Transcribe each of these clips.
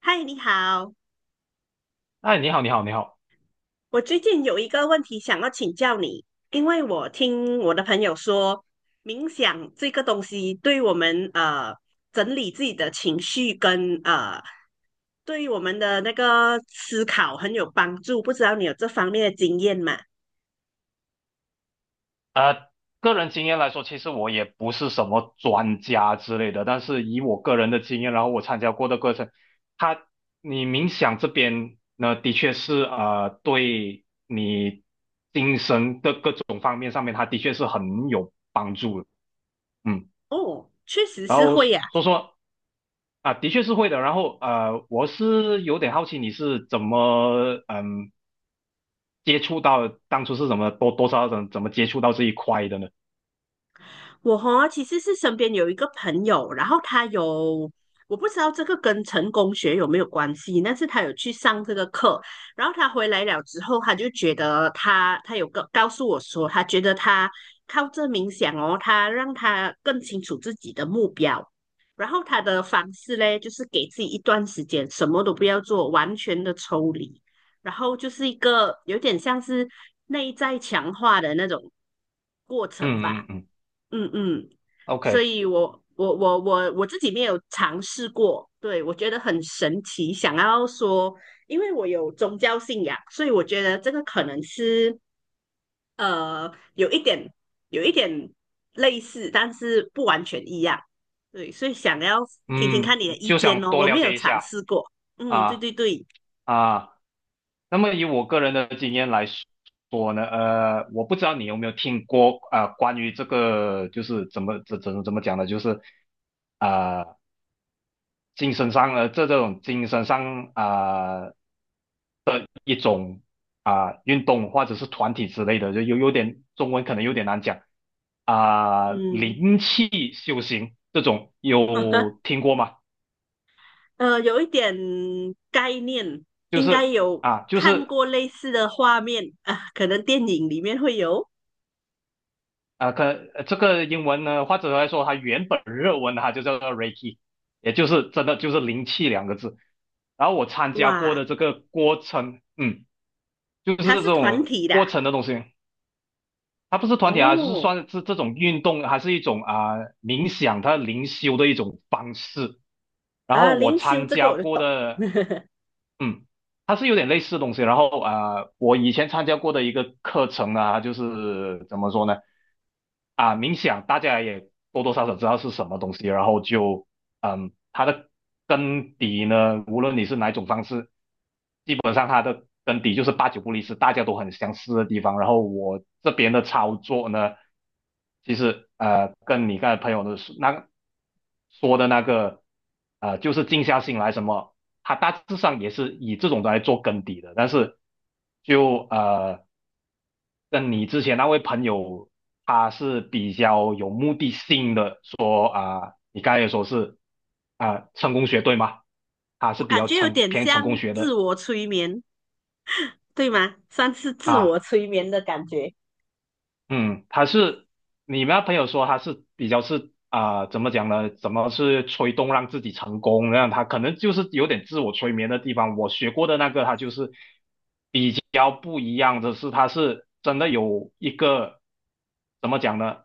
嗨，你好，哎，你好，你好，你好。我最近有一个问题想要请教你，因为我听我的朋友说，冥想这个东西对我们整理自己的情绪跟对于我们的那个思考很有帮助，不知道你有这方面的经验吗？呃，个人经验来说，其实我也不是什么专家之类的，但是以我个人的经验，然后我参加过的课程，它你冥想这边呢，的确是对你精神的各种方面上面，它的确是很有帮助的。嗯，哦，确实然是后会呀。说说啊，的确是会的。然后我是有点好奇你是怎么接触到，当初是怎么多多少少怎么接触到这一块的呢？我其实是身边有一个朋友，然后他有我不知道这个跟成功学有没有关系，但是他有去上这个课，然后他回来了之后，他就觉得他有个告诉我说，他觉得他靠这冥想哦，他让他更清楚自己的目标。然后他的方式嘞，就是给自己一段时间，什么都不要做，完全的抽离，然后就是一个有点像是内在强化的那种过程嗯嗯吧。嗯。嗯嗯，所 OK，以我自己没有尝试过，对，我觉得很神奇。想要说，因为我有宗教信仰，所以我觉得这个可能是有一点有一点类似，但是不完全一样。对，所以想要听听嗯，看你的意就见想哦，多我了没有解一尝下试过。嗯，对啊对对，啊。那么以我个人的经验来说呢，我不知道你有没有听过关于这个就是怎么讲呢，就是啊、精神上这种精神上一种运动或者是团体之类的，就有点中文可能有点难讲嗯 灵气修行这种 有听过吗？有一点概念，就应该是有啊，就看是。过类似的画面啊，可能电影里面会有。啊、呃可呃这个英文呢，或者来说，它原本日文它就叫做 Reiki，也就是真的就是灵气两个字。然后我参加过哇，的这个过程，就是它这是团种体的啊？过程的东西，它不是团体啊，就是哦，算是这种运动，还是一种冥想，它灵修的一种方式。然啊，后我灵修参这个加我就过懂，的 嗯，它是有点类似的东西。然后我以前参加过的一个课程啊，就是怎么说呢？啊，冥想大家也多多少少知道是什么东西，然后就它的根底呢，无论你是哪一种方式，基本上它的根底就是八九不离十，大家都很相似的地方。然后我这边的操作呢，其实跟你刚才朋友的那说的那个就是静下心来什么，他大致上也是以这种来做根底的。但是就跟你之前那位朋友他是比较有目的性的说你刚才也说是成功学对吗？他我是比感较觉有成点偏成像功学自的我催眠，对吗？算是自我啊。催眠的感觉，嗯，他是你们那朋友说他是比较是啊、怎么讲呢？怎么是催动让自己成功？那他可能就是有点自我催眠的地方。我学过的那个，他就是比较不一样的是，他是真的有一个怎么讲呢？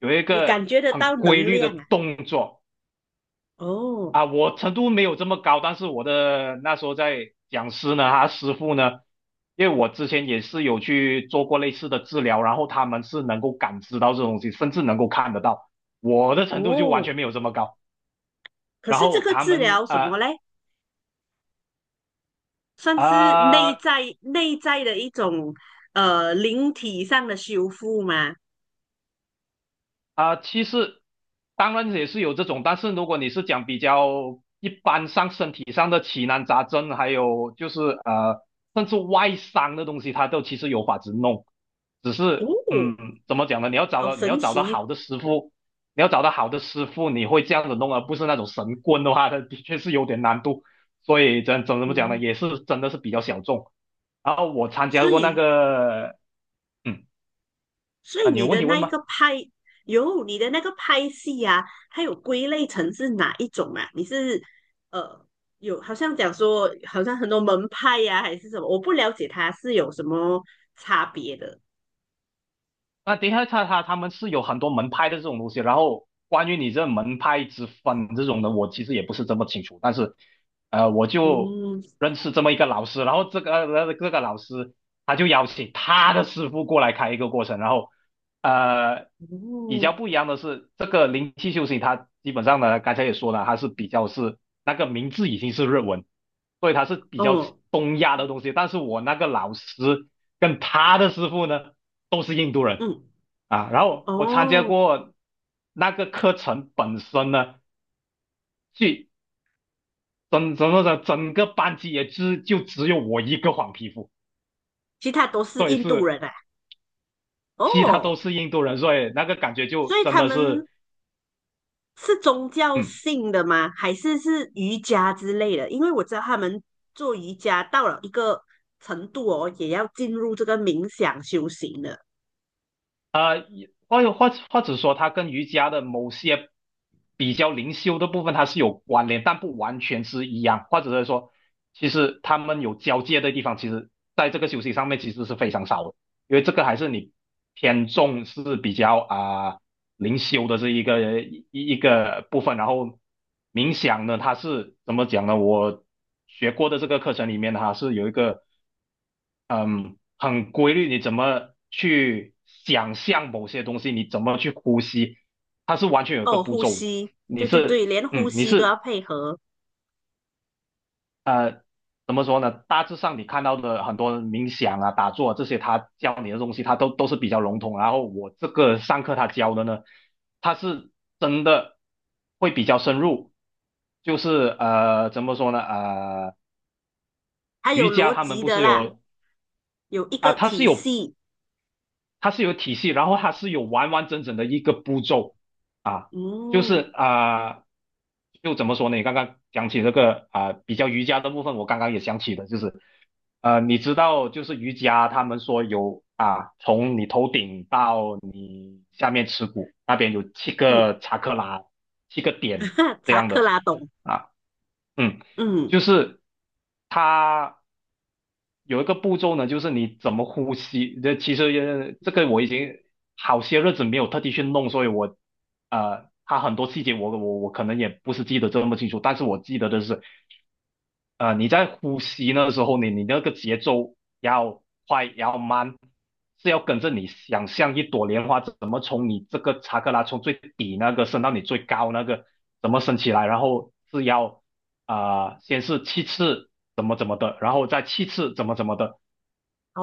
有一你感个觉得很到规能律的量啊。动作。哦啊，我程度没有这么高，但是我的那时候在讲师呢，他师傅呢，因为我之前也是有去做过类似的治疗，然后他们是能够感知到这东西，甚至能够看得到。我的程度就完哦，全没有这么高，可然是这后个他治们疗什么嘞？算啊、是呃内啊在内在的一种灵体上的修复吗？其实当然也是有这种，但是如果你是讲比较一般上身体上的奇难杂症，还有就是甚至外伤的东西，它都其实有法子弄，只是哦，怎么讲呢？你要找好到你要神找到奇，好的师傅，你要找到好的师傅，你会这样子弄，而不是那种神棍的话，它的确是有点难度。所以怎么讲呢？嗯，也是真的是比较小众。然后我参加所过那以个，嗯所以你有你问的题那问一个吗？派，有你的那个派系啊，它有归类成是哪一种啊？你是呃有好像讲说，好像很多门派呀、还是什么？我不了解它是有什么差别的。那等一下，他们是有很多门派的这种东西，然后关于你这门派之分这种的，我其实也不是这么清楚，但是我就嗯，认识这么一个老师，然后这个老师他就邀请他的师傅过来开一个过程，然后呃比哦，较不一样的是，这个灵气修行它基本上呢，刚才也说了，它是比较是那个名字已经是日文，所以它是比较哦，东亚的东西，但是我那个老师。跟他的师傅呢都是印度人嗯，啊。然后我参加哦，过那个课程本身呢，去整个班级也只就只有我一个黄皮肤，其他都是所以印度是人啊。其他哦，都是印度人，所以那个感觉所就以真他的是们是宗教嗯性的吗？还是是瑜伽之类的？因为我知道他们做瑜伽到了一个程度哦，也要进入这个冥想修行的。啊、呃，或者说，它跟瑜伽的某些比较灵修的部分它是有关联，但不完全是一样，或者是说，其实他们有交界的地方，其实在这个休息上面其实是非常少的，因为这个还是你偏重是比较呃灵修的这一个部分，然后冥想呢，它是怎么讲呢？我学过的这个课程里面，是有一个嗯，很规律，你怎么去想象某些东西，你怎么去呼吸，它是完全有一个哦，步呼骤的。吸，你对对对，是，连呼嗯，你吸都要是配合，呃，怎么说呢？大致上你看到的很多冥想啊、打坐啊这些，他教你的东西，他都是比较笼统。然后我这个上课他教的呢，他是真的会比较深入，就是怎么说呢？还有瑜伽逻他们辑不的是啦，有有一啊，个他是体有。系。它是有体系，然后它是有完完整整的一个步骤，就嗯是就怎么说呢？你刚刚讲起这个比较瑜伽的部分，我刚刚也想起的，就是你知道，就是瑜伽他们说有啊，从你头顶到你下面耻骨那边有七嗯，个查克拉，七个点 这查样克的拉懂。啊，嗯，就嗯，是它。有一个步骤呢，就是你怎么呼吸。这其实这个我已经好些日子没有特地去弄，所以它很多细节我可能也不是记得这么清楚，但是我记得的是，你在呼吸那时候，你那个节奏要快要慢，是要跟着你想象一朵莲花怎么从你这个查克拉从最底那个升到你最高那个怎么升起来，然后是要先是七次怎么怎么的，然后再七次怎么怎么的。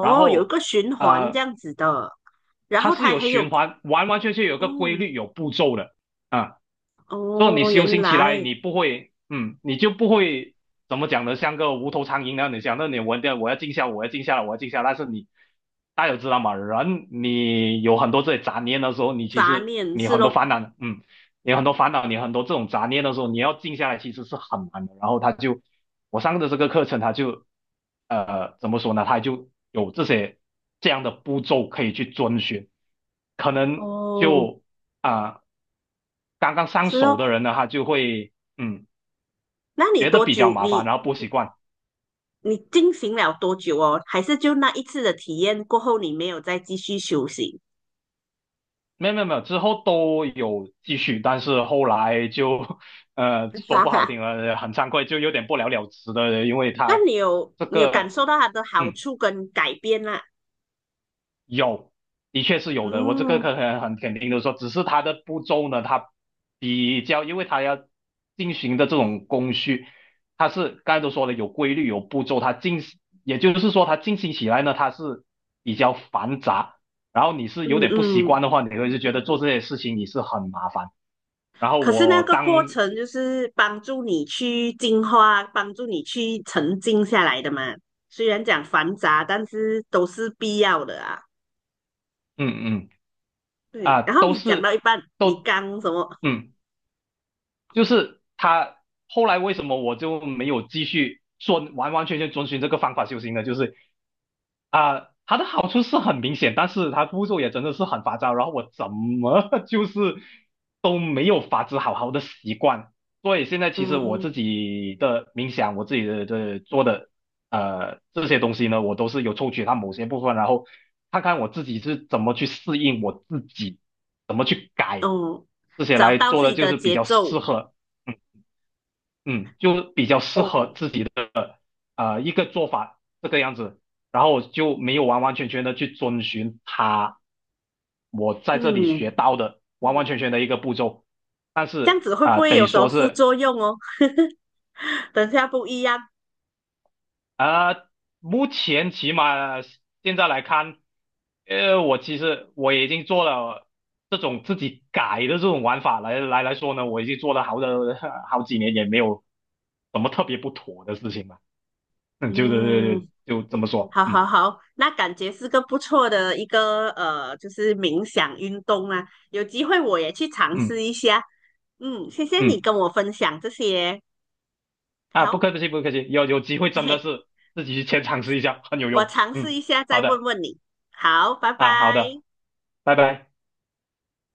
然有一后个循环这呃，样子的，然它后是它有还循有，环，完完全全有个规嗯，律，有步骤的啊。所以你哦，修原行起来，来你就不会怎么讲呢？像个无头苍蝇那样，你讲，那你我要静下来，我要静下来。但是大家有知道吗？你有很多这些杂念的时候，你其杂实念你是很多咯，烦恼，你很多烦恼，你很多这种杂念的时候，你要静下来其实是很难的。然后他就我上的这个课程，他就怎么说呢？他就有这些这样的步骤可以去遵循，可能哦，就。啊、刚刚上是手咯，的人呢，他就会那你觉得多比较久？麻烦，你然后不习惯。你进行了多久哦？还是就那一次的体验过后，你没有再继续修行？没有没有没有，之后都有继续，但是后来就 说哈不好哈，听了，很惭愧，就有点不了了之的，因为那他你有这你有感个受到它的好嗯处跟改变啦？有，的确是有的。我这个嗯可很肯定的说，只是它的步骤呢，它比较，因为它要进行的这种工序，它是刚才都说了有规律、有步骤，它进，也就是说它进行起来呢，它是比较繁杂。然后你是有嗯点不习惯嗯。的话，你会就觉得做这些事情你是很麻烦。然后可是那我个当，过嗯程就是帮助你去净化，帮助你去沉静下来的嘛。虽然讲繁杂，但是都是必要的啊。嗯啊，对，然后都你讲到是一半，你都，刚什么？嗯。就是他后来为什么我就没有继续说完完全全遵循这个方法修行呢？就是它的好处是很明显，但是它步骤也真的是很繁杂，然后我怎么 就是都没有法子好好的习惯。所以现在其实我自嗯，己的冥想，我自己的做的这些东西呢，我都是有抽取它某些部分，然后看看我自己是怎么去适应我自己。怎么去改哦，这些找来到做自的，己就的是比节较奏，适合，嗯嗯，就比较适合哦，自己的一个做法这个样子，然后我就没有完完全全的去遵循他我在这里学嗯，到的完完全全的一个步骤，但这样是子会不会有得什说么副是作用哦？等下不一样。啊、目前起码现在来看，我其实我已经做了这种自己改的这种玩法来说呢，我已经做了好的 好几年，也没有什么特别不妥的事情吧。就是嗯，就这么说。好嗯好好，那感觉是个不错的一个就是冥想运动啊。有机会我也去尝嗯试一下。嗯，谢谢你嗯，跟我分享这些。啊，不好，客气不客气，有机会嘿真的嘿，是自己去先尝试一下，很有我用。尝试嗯，一下再好问的问你。好，拜拜。啊，好的，拜拜。